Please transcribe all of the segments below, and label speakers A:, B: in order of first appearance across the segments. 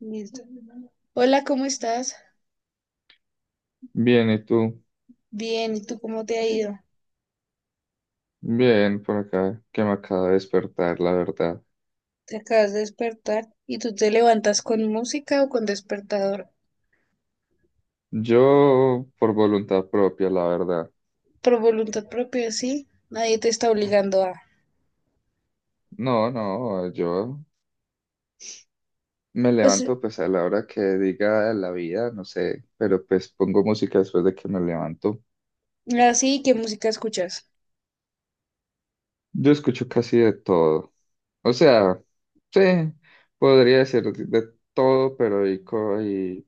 A: Listo. Hola, ¿cómo estás?
B: Bien, ¿y tú?
A: Bien, ¿y tú cómo te ha ido?
B: Bien, por acá, que me acaba de despertar, la verdad.
A: Te acabas de despertar y tú te levantas con música o con despertador.
B: Yo, por voluntad propia, la verdad.
A: Por voluntad propia, sí. Nadie te está obligando a.
B: No, no. Yo me
A: O sea,
B: levanto pues a la hora que diga la vida, no sé, pero pues pongo música después de que me levanto.
A: así, ¿qué música escuchas?
B: Yo escucho casi de todo. O sea, sí, podría decir de todo, pero hay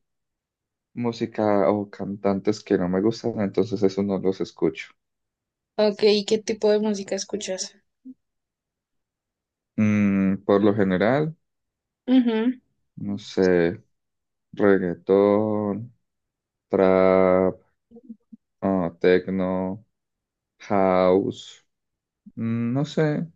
B: música o cantantes que no me gustan, entonces eso no los escucho.
A: Ok, ¿y qué tipo de música escuchas?
B: Por lo general,
A: Mhm.
B: no sé. Reggaetón, trap, techno, house, no sé,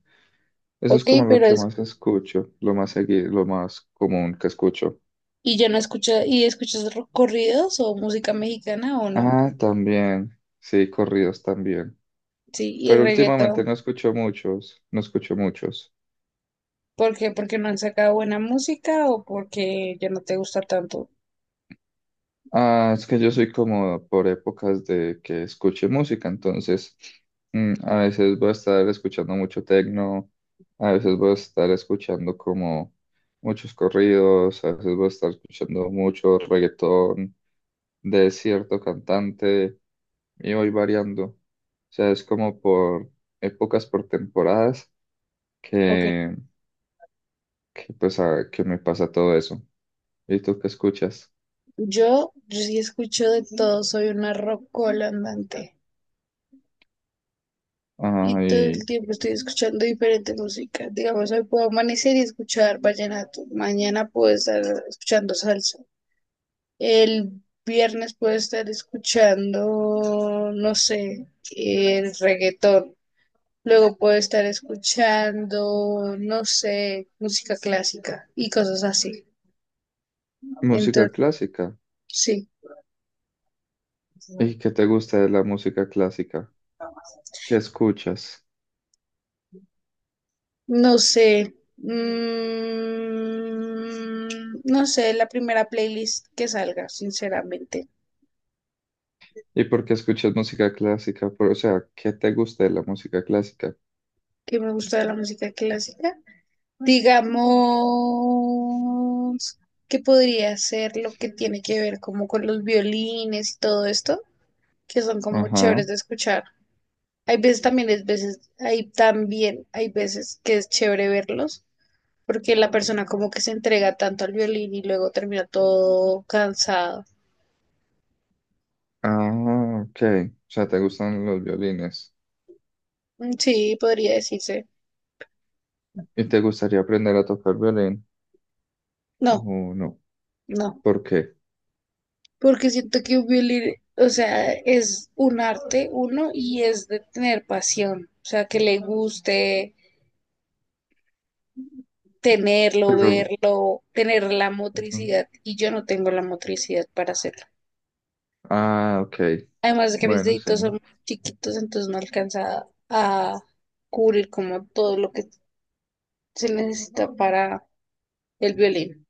B: eso
A: Ok,
B: es como lo
A: pero
B: que
A: es.
B: más escucho, lo más seguido, lo más común que escucho.
A: ¿Y ya no escuchas? ¿Y escuchas corridos o música mexicana o no?
B: Ah, también, sí, corridos también,
A: Sí, y
B: pero últimamente
A: reggaetón.
B: no escucho muchos.
A: ¿Por qué? ¿Porque no han sacado buena música o porque ya no te gusta tanto?
B: Ah, es que yo soy como por épocas de que escuche música, entonces a veces voy a estar escuchando mucho tecno, a veces voy a estar escuchando como muchos corridos, a veces voy a estar escuchando mucho reggaetón de cierto cantante y voy variando. O sea, es como por épocas, por temporadas
A: Ok.
B: que, que pues que me pasa todo eso. ¿Y tú qué escuchas?
A: Yo sí escucho de todo, soy una rockola andante
B: Ah,
A: y todo el
B: y
A: tiempo estoy escuchando diferente música. Digamos, hoy puedo amanecer y escuchar vallenato, mañana puedo estar escuchando salsa, el viernes puedo estar escuchando, no sé, el reggaetón. Luego puedo estar escuchando, no sé, música clásica y cosas así.
B: música
A: Entonces,
B: clásica.
A: sí.
B: ¿Y qué te gusta de la música clásica? ¿Qué escuchas?
A: No sé. No sé, la primera playlist que salga, sinceramente,
B: ¿Y por qué escuchas música clásica? Por- o sea, ¿qué te gusta de la música clásica?
A: que me gusta de la música clásica. Digamos que podría ser lo que tiene que ver como con los violines y todo esto, que son como
B: Ajá.
A: chéveres de escuchar. Hay veces también, es veces, hay también, hay veces que es chévere verlos, porque la persona como que se entrega tanto al violín y luego termina todo cansado.
B: Ah, ok. O sea, te gustan los violines.
A: Mm, sí, podría decirse.
B: ¿Y te gustaría aprender a tocar violín?
A: No,
B: Oh, no.
A: no,
B: ¿Por qué?
A: porque siento que un violín, o sea, es un arte, uno, y es de tener pasión, o sea, que le guste tenerlo,
B: Pero,
A: verlo, tener la
B: ujú.
A: motricidad, y yo no tengo la motricidad para hacerlo.
B: Ah, ok.
A: Además de que mis
B: Bueno, sí.
A: deditos son muy chiquitos, entonces no alcanza a cubrir como todo lo que se necesita para el violín.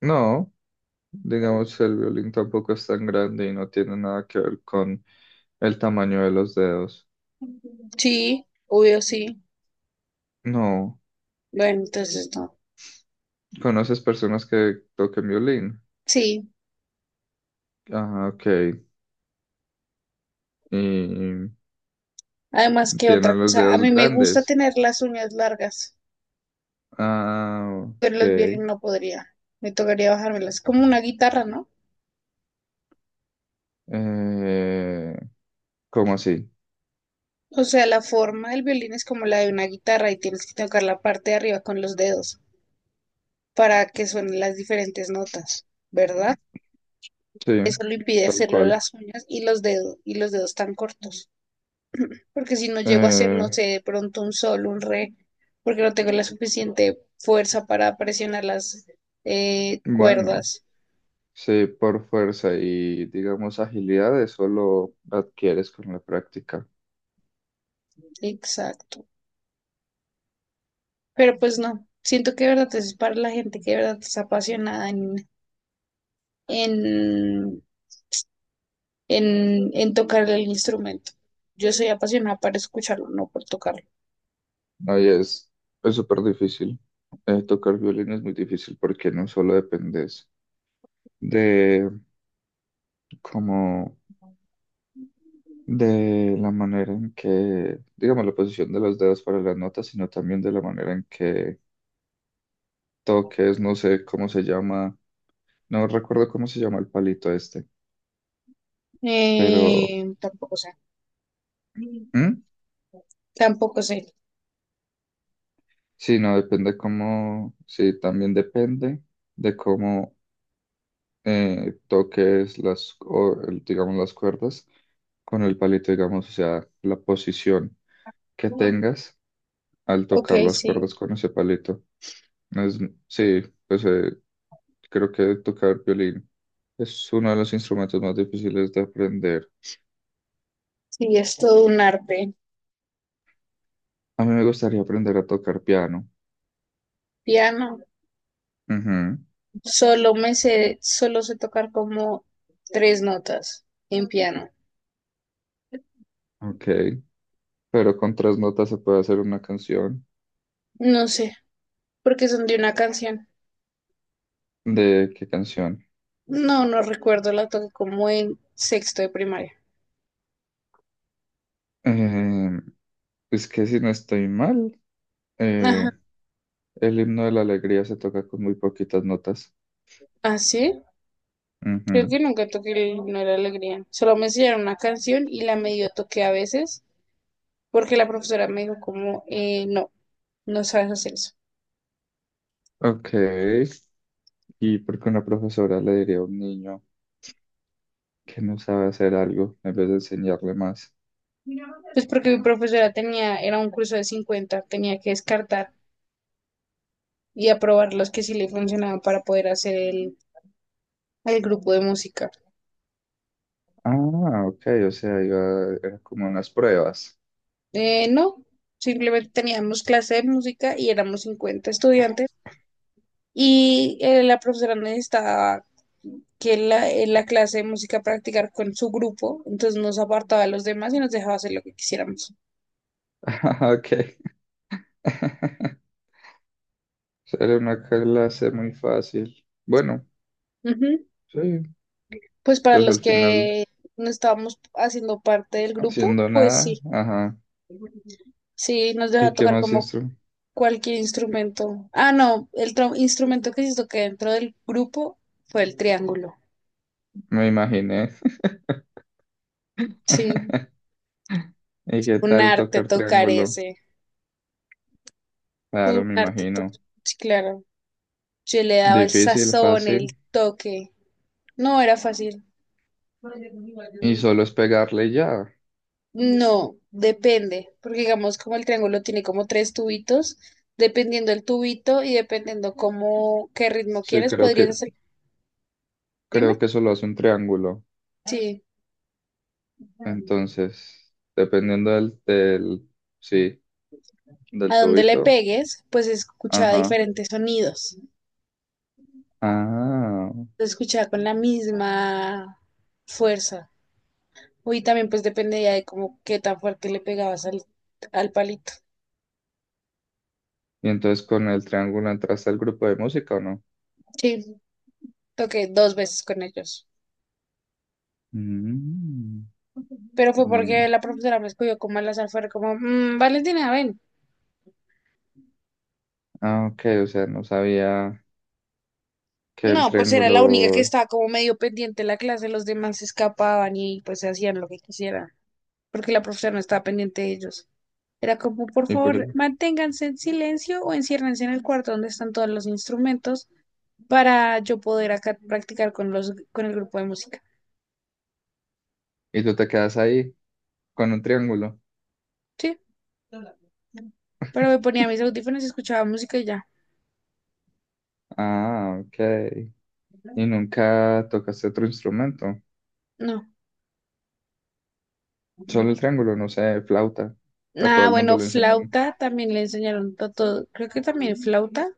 B: No, digamos, el violín tampoco es tan grande y no tiene nada que ver con el tamaño de los dedos.
A: Sí, obvio sí.
B: No.
A: Bueno, entonces no.
B: ¿Conoces personas que toquen violín?
A: Sí.
B: Ah, ok. Y
A: Además, ¿que
B: tiene
A: otra
B: los
A: cosa? A
B: dedos
A: mí me gusta
B: grandes.
A: tener las uñas largas,
B: Ah,
A: pero
B: ok.
A: los violín no podría. Me tocaría bajármelas. Como una guitarra, ¿no?
B: Eh, ¿Cómo así?
A: O sea, la forma del violín es como la de una guitarra y tienes que tocar la parte de arriba con los dedos para que suenen las diferentes notas, ¿verdad?
B: Sí,
A: Eso lo impide
B: tal
A: hacerlo
B: cual.
A: las uñas y los dedos tan cortos. Porque si no llego a hacer, no
B: Eh,
A: sé, de pronto un sol, un re, porque no tengo la suficiente fuerza para presionar las
B: bueno,
A: cuerdas.
B: sí, por fuerza y digamos agilidad, eso lo adquieres con la práctica.
A: Exacto. Pero pues no, siento que de verdad es para la gente que de verdad es apasionada en, en tocar el instrumento. Yo soy apasionada para escucharlo, no por tocarlo.
B: Ahí es súper difícil. Tocar violín es muy difícil porque no solo dependes de cómo de la manera en que, digamos, la posición de los dedos para las notas, sino también de la manera en que toques, no sé cómo se llama, no recuerdo cómo se llama el palito este, pero
A: Tampoco sé,
B: ¿Mm?
A: tampoco sé.
B: Sí, no, depende cómo, sí, también depende de cómo toques las, o, el- digamos, las cuerdas con el palito, digamos, o sea, la posición que tengas al
A: Ok,
B: tocar las
A: sí,
B: cuerdas con ese palito. Es- sí, pues creo que tocar violín es uno de los instrumentos más difíciles de aprender.
A: sí, es todo un arte.
B: A mí me gustaría aprender a tocar piano.
A: Piano,
B: Ujú.
A: solo sé tocar como tres notas en piano.
B: Ok, pero con tres notas se puede hacer una canción.
A: No sé, porque son de una canción.
B: ¿De qué canción?
A: No, no recuerdo, la toqué como en sexto de primaria.
B: Eh, es que si no estoy mal, eh,
A: Ajá.
B: el himno de la alegría se toca con muy poquitas notas.
A: ¿Ah, sí? Creo
B: Ujú.
A: que nunca toqué el. No era alegría. Solo me enseñaron una canción y la medio toqué a veces porque la profesora me dijo como, no, no sabes hacer eso.
B: Ok, ¿y por qué una profesora le diría a un niño que no sabe hacer algo en vez de enseñarle más?
A: Pues porque mi profesora tenía, era un curso de 50, tenía que descartar y aprobar los que sí le funcionaban para poder hacer el grupo de música.
B: Ah, ok, o sea, iba, era como unas pruebas.
A: No, simplemente teníamos clase de música y éramos 50 estudiantes. Y la profesora necesitaba en la clase de música practicar con su grupo, entonces nos apartaba de los demás y nos dejaba hacer lo que quisiéramos.
B: Ah, ok. Era una clase muy fácil. Bueno,
A: Ujú.
B: sí,
A: Pues para
B: pues al
A: los
B: final
A: que no estábamos haciendo parte del grupo,
B: haciendo
A: pues
B: nada,
A: sí,
B: ajá.
A: sí, nos
B: ¿Y
A: deja
B: qué
A: tocar
B: más
A: como
B: instrumento
A: cualquier instrumento. Ah, no, el instrumento que hizo que dentro del grupo fue el triángulo.
B: me imaginé.
A: Sí,
B: ¿Y qué
A: un
B: tal
A: arte
B: tocar
A: tocar
B: triángulo?
A: ese,
B: Claro,
A: un
B: me
A: arte
B: imagino.
A: tocar, sí, claro. Yo le daba el
B: Difícil,
A: sazón, el
B: fácil.
A: toque. No era fácil.
B: Y solo es pegarle y ya.
A: No, depende, porque digamos como el triángulo tiene como tres tubitos, dependiendo el tubito y dependiendo cómo, qué ritmo
B: Sí,
A: quieres,
B: creo
A: podrías
B: que,
A: hacer,
B: creo
A: dime,
B: que solo hace un triángulo.
A: sí,
B: Entonces, dependiendo del, sí, del
A: a dónde le
B: tubito.
A: pegues, pues escucha
B: Ajá.
A: diferentes sonidos,
B: Ah.
A: se escucha con la misma fuerza. Y también pues dependía de cómo, qué tan fuerte le pegabas al palito.
B: Y entonces con el triángulo entraste al grupo de música, ¿o no?
A: Sí, toqué dos veces con ellos,
B: Mm.
A: pero fue
B: Mm.
A: porque la profesora me escogió como al azar, fue como, "Mm, Valentina, ven.
B: Ah, ok, o sea, no sabía que el
A: No, pues era la única que
B: triángulo...
A: estaba como medio pendiente de la clase, los demás se escapaban y pues se hacían lo que quisieran, porque la profesora no estaba pendiente de ellos. Era como, por
B: ¿Y, por-
A: favor, manténganse en silencio o enciérrense en el cuarto donde están todos los instrumentos para yo poder acá practicar con con el grupo de música.
B: y tú te quedas ahí con un triángulo?
A: Sí, pero me ponía mis audífonos y escuchaba música y ya.
B: Ah, ok. ¿Y nunca tocaste otro instrumento?
A: No.
B: Solo el triángulo, no sé, flauta. A todo
A: Nada,
B: el mundo
A: bueno,
B: le enseñan.
A: flauta también le enseñaron a todo, creo que también flauta,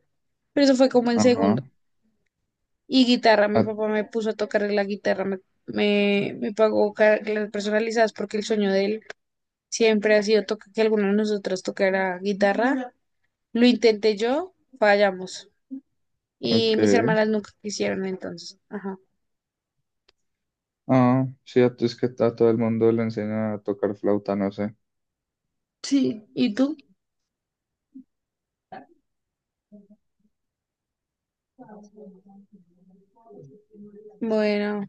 A: pero eso fue como en
B: Ajá.
A: segundo. Y guitarra. Mi
B: A-
A: papá me puso a tocar la guitarra, me pagó clases personalizadas porque el sueño de él siempre ha sido que alguno de nosotros tocara guitarra. Lo intenté yo, fallamos. Y mis
B: ok.
A: hermanas nunca quisieron entonces. Ajá.
B: Ah, sí, a, es que a todo el mundo le enseñan a tocar flauta, no sé.
A: Sí, ¿y tú? Bueno,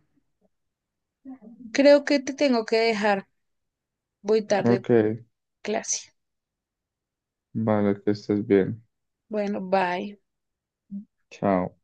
A: creo que te tengo que dejar. Voy tarde,
B: Ok,
A: clase.
B: vale, que estés bien.
A: Bueno, bye.
B: Chao.